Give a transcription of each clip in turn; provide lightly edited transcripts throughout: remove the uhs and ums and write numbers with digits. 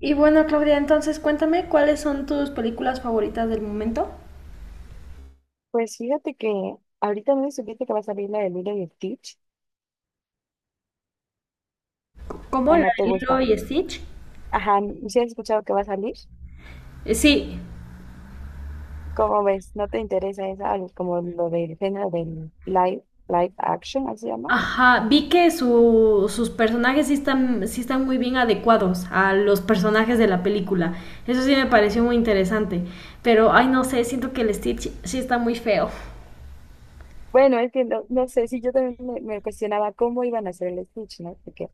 Y bueno, Claudia, entonces cuéntame cuáles son tus películas favoritas del momento. Pues fíjate que ahorita no supiste que va a salir la de Lilo y Stitch, ¿Cómo o la no te de Lilo gusta. y Stitch? Ajá, ¿no ¿sí has escuchado que va a salir? Sí, ¿Cómo ves? ¿No te interesa esa, como lo del género del live, live action, así se llama? ajá, vi que sus personajes sí están muy bien adecuados a los personajes de la película. Eso sí me pareció muy interesante. Pero, ay, no sé, siento que el Stitch sí está muy feo. Bueno, es que no sé, si yo también me cuestionaba cómo iban a hacer el Stitch, ¿no? Porque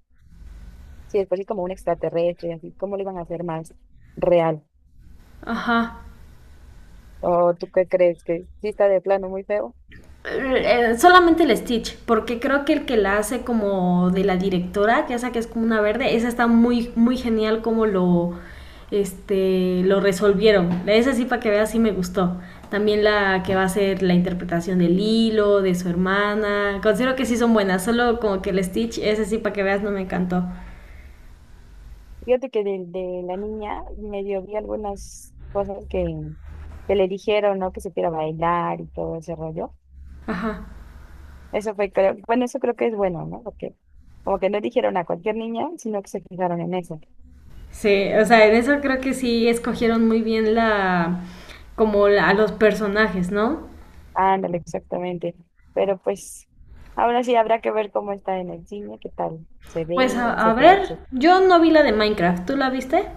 si después es como un extraterrestre, y así, ¿cómo lo iban a hacer más real? Ajá. ¿O tú qué crees? ¿Que sí está de plano muy feo? Solamente el Stitch, porque creo que el que la hace como de la directora, que esa que es como una verde, esa está muy, muy genial como lo resolvieron. Esa sí, para que veas, sí me gustó. También la que va a ser la interpretación del hilo, de su hermana. Considero que sí son buenas, solo como que el Stitch, ese sí, para que veas, no me encantó. Fíjate que de la niña medio vi algunas cosas que le dijeron, ¿no? Que supiera bailar y todo ese rollo. Ajá. Eso fue, creo, bueno, eso creo que es bueno, ¿no? Porque como que no dijeron a cualquier niña, sino que se fijaron en eso. Sí, o sea, en eso creo que sí escogieron muy bien a los personajes, ¿no? Ándale, exactamente. Pero pues, ahora sí habrá que ver cómo está en el cine, qué tal se Pues ve, a etcétera, ver, etcétera. yo no vi la de Minecraft, ¿tú la viste?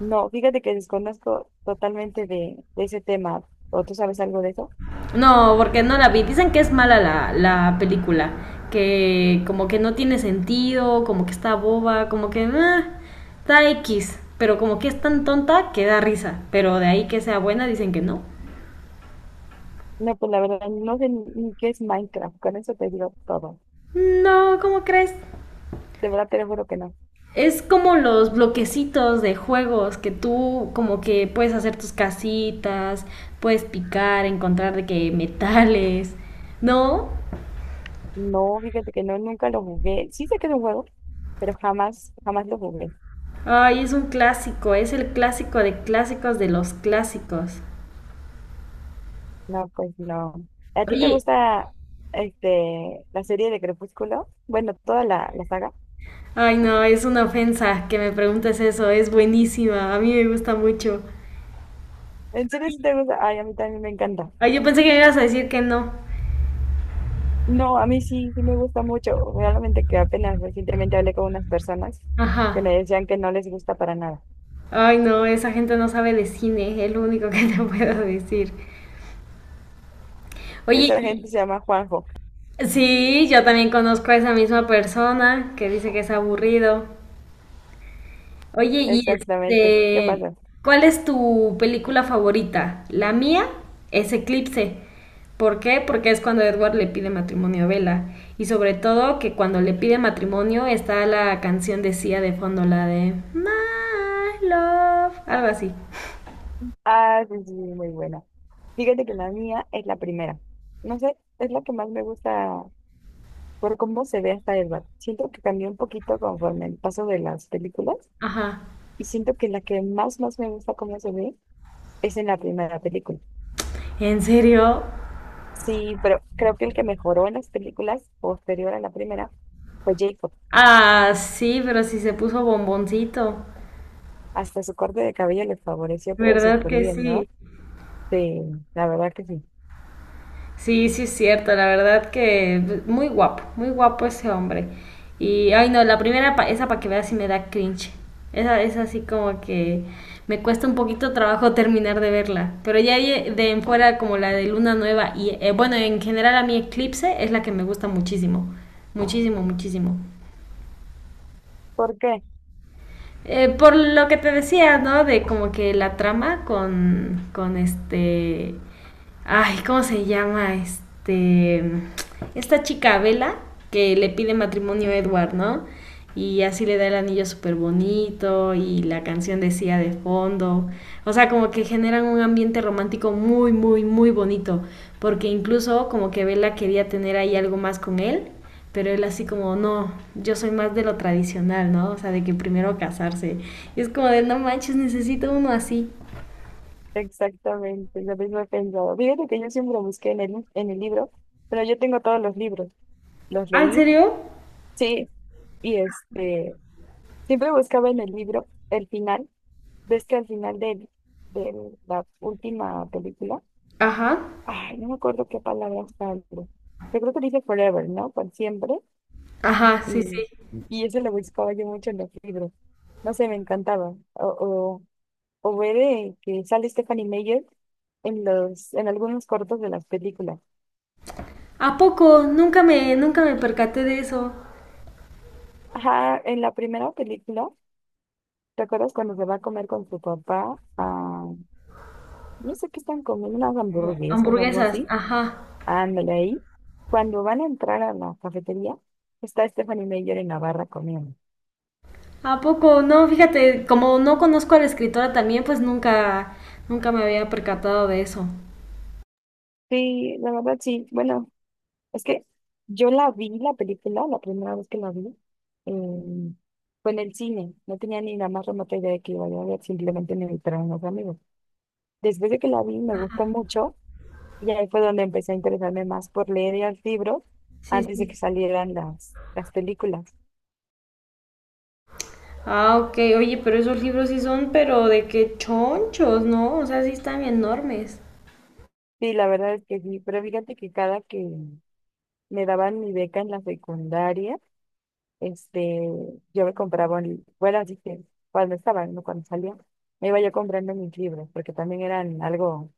No, fíjate que desconozco totalmente de ese tema. ¿O tú sabes algo de eso? No, porque no la vi. Dicen que es mala la película, que como que no tiene sentido, como que está boba, como que ah, está X, pero como que es tan tonta que da risa, pero de ahí que sea buena dicen que no. No, pues la verdad, no sé ni qué es Minecraft. Con eso te digo todo. No, ¿cómo crees? De verdad te lo juro que no. Es como los bloquecitos de juegos que tú como que puedes hacer tus casitas, puedes picar, encontrar de que metales, ¿no? No, fíjate que no, nunca lo jugué. Sí sé que es un juego, pero jamás, jamás lo jugué. Ay, es un clásico, es el clásico de clásicos de los clásicos. No, pues no. ¿A ti te Oye, gusta la serie de Crepúsculo? Bueno, toda la saga. ay no, es una ofensa que me preguntes eso, es buenísima, a mí me gusta mucho. ¿En serio sí te gusta? Ay, a mí también me encanta. Ay, yo pensé que me ibas a decir que no. No, a mí sí, sí me gusta mucho. Realmente que apenas recientemente hablé con unas personas que Ajá. me decían que no les gusta para nada. Ay no, esa gente no sabe de cine, es lo único que te puedo decir. Oye, Esa gente se llama Juanjo. sí, yo también conozco a esa misma persona que dice que es aburrido. Oye, y Exactamente. ¿Qué pasa? ¿cuál es tu película favorita? La mía es Eclipse. ¿Por qué? Porque es cuando Edward le pide matrimonio a Bella. Y sobre todo que cuando le pide matrimonio está la canción de Sia de fondo, la de My Love, algo así. Ah, sí, sí, muy buena. Fíjate que la mía es la primera. No sé, es la que más me gusta por cómo se ve hasta el bat. Siento que cambió un poquito conforme el paso de las películas Ajá. y siento que la que más, más me gusta cómo se ve es en la primera película. ¿En serio? Sí, pero creo que el que mejoró en las películas posterior a la primera fue Jacob. Ah, sí, pero si se puso bomboncito. Hasta su corte de cabello le favoreció, pero ¿Verdad súper que bien, ¿no? sí? Sí, la verdad que sí. Sí, sí, es cierto, la verdad que muy guapo ese hombre. Y, ay no, la primera, esa para que veas si me da cringe. Esa es así como que me cuesta un poquito trabajo terminar de verla. Pero ya de en fuera como la de Luna Nueva y, bueno, en general a mí Eclipse es la que me gusta muchísimo. Muchísimo, muchísimo. ¿Por qué? Por lo que te decía, ¿no? De como que la trama con este... Ay, ¿cómo se llama? Este... Esta chica Vela que le pide matrimonio a Edward, ¿no? Y así le da el anillo súper bonito y la canción decía de fondo. O sea, como que generan un ambiente romántico muy, muy, muy bonito. Porque incluso como que Bella quería tener ahí algo más con él pero él así como, no, yo soy más de lo tradicional, ¿no? O sea, de que primero casarse. Y es como de, no manches, necesito uno así. Exactamente, lo mismo he pensado. Fíjate que yo siempre busqué en el libro, pero yo tengo todos los libros. Los ¿Ah, en leí, serio? sí, y siempre buscaba en el libro el final, ves que al final de la última película, Ajá. ay, no me acuerdo qué palabra sale, yo creo que dice forever, ¿no? Por siempre, Ajá, sí, sí. y, y eso lo buscaba yo mucho en los libros, no sé, me encantaba, o ver que sale Stephanie Meyer en algunos cortos de las películas. ¿A poco? Nunca nunca me percaté de eso. Ajá, en la primera película, ¿te acuerdas cuando se va a comer con su papá? A No sé qué están comiendo, unas No, hamburguesas o algo hamburguesas, así. ajá. Ándale ahí. Cuando van a entrar a la cafetería, está Stephanie Meyer en la barra comiendo. ¿A poco? No, fíjate, como no conozco a la escritora también, pues nunca, nunca me había percatado de eso. Sí, la verdad sí. Bueno, es que yo la vi, la película, la primera vez que la vi, em, fue en el cine. No tenía ni la más remota idea de que iba a ver, simplemente me invitaron unos amigos. Después de que la vi, me gustó mucho y ahí fue donde empecé a interesarme más por leer los libros Sí, antes de que sí. salieran las películas. Ah, ok, oye, pero esos libros sí son, pero de qué chonchos, ¿no? O sea, sí están enormes. Sí, la verdad es que sí, pero fíjate que cada que me daban mi beca en la secundaria, este, yo me compraba, bueno, así que cuando estaba, no cuando salía, me iba yo comprando mis libros, porque también eran algo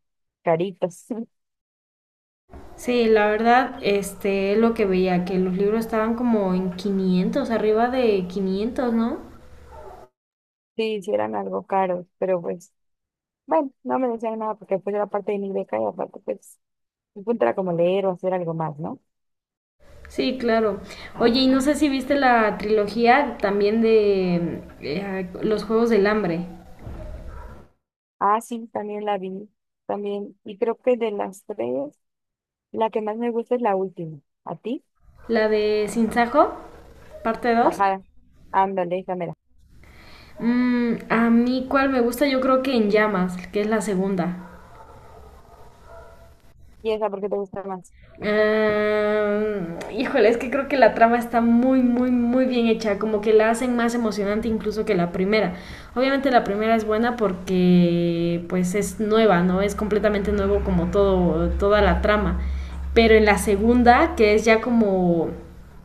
caritos, Sí, la verdad, es lo que veía, que los libros estaban como en 500, arriba de 500, ¿no? sí, sí eran algo caros, pero pues, bueno, no me decían nada porque pues era parte de mi beca y aparte pues, mi punto era como leer o hacer algo más, ¿no? Sí, claro. Oye, y no sé si viste la trilogía también de Los Juegos del Hambre, Ah, sí, también la vi, también, y creo que de las tres, la que más me gusta es la última, ¿a ti? la de Sinsajo, parte 2. Ajá. Ándale, esa mera. Mm, a mí, ¿cuál me gusta? Yo creo que En Llamas, que es la segunda. ¿Y esa por qué te gusta más? Ah, híjole, es que creo que la trama está muy, muy, muy bien hecha, como que la hacen más emocionante incluso que la primera. Obviamente la primera es buena porque pues es nueva, ¿no? Es completamente nuevo como todo, toda la trama. Pero en la segunda, que es ya como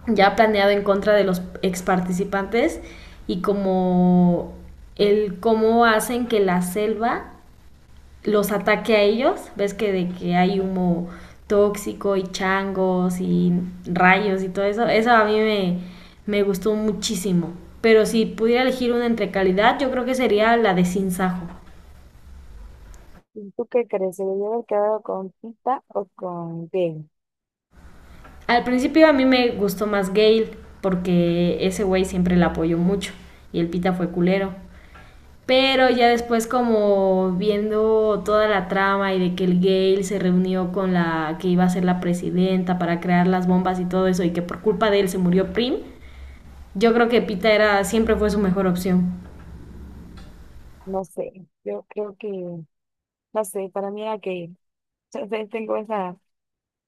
ya planeado en contra de los ex participantes y como el cómo hacen que la selva los ataque a ellos, ves que de que hay humo tóxico y changos y rayos y todo eso, eso a me gustó muchísimo. Pero si pudiera elegir una entre calidad, yo creo que sería la de Sin Sajo. ¿Y tú qué crees? ¿Se debió haber quedado con Pita o con Gale? Al principio a mí me gustó más Gale, porque ese güey siempre la apoyó mucho y el pita fue culero. Pero ya después como viendo toda la trama y de que el Gale se reunió con la que iba a ser la presidenta para crear las bombas y todo eso y que por culpa de él se murió Prim, yo creo que Pita era siempre fue su mejor opción. No sé. Yo creo que, no sé, para mí era Gale. Yo sé, tengo esa,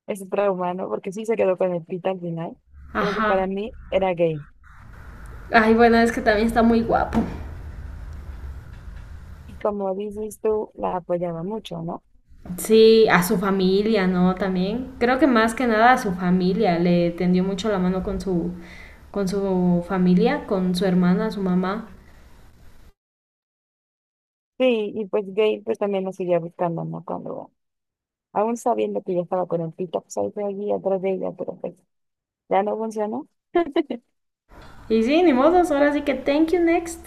ese trauma, ¿no? Porque sí se quedó con el Pita al final. Creo que Ajá. para mí era Gale. Ay, bueno, es que también está muy guapo. Y como dices tú, la apoyaba mucho, ¿no? Sí, a su familia, ¿no? También. Creo que más que nada a su familia. Le tendió mucho la mano con con su familia, con su hermana, su mamá. Sí, y pues Gale pues también lo seguía buscando, ¿no? Cuando, aún sabiendo que ya estaba con el Pita, pues ahí fue allí atrás de ella, pero pues ya no funcionó. Y sí, ni modos, ahora sí que thank you next.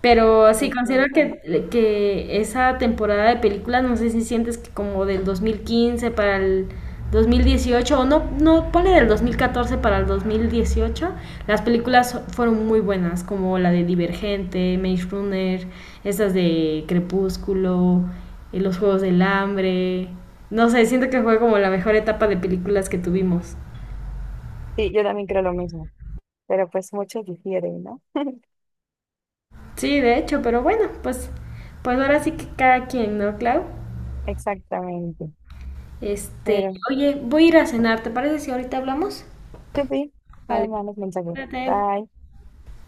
Pero sí, considero Exacto. Que esa temporada de películas, no sé si sientes que como del 2015 para el 2018, o no, no, ponle del 2014 para el 2018, las películas fueron muy buenas, como la de Divergente, Maze Runner, estas de Crepúsculo, Los Juegos del Hambre. No sé, siento que fue como la mejor etapa de películas que tuvimos. Sí, yo también creo lo mismo. Pero pues muchos difieren, ¿no? Sí, de hecho, pero bueno, pues ahora sí que cada quien, ¿no, Clau? Exactamente. Este, Pero, oye, voy a ir a cenar, ¿te parece si ahorita hablamos? chupi, Vale, además los mensajes. cuídate. Bye.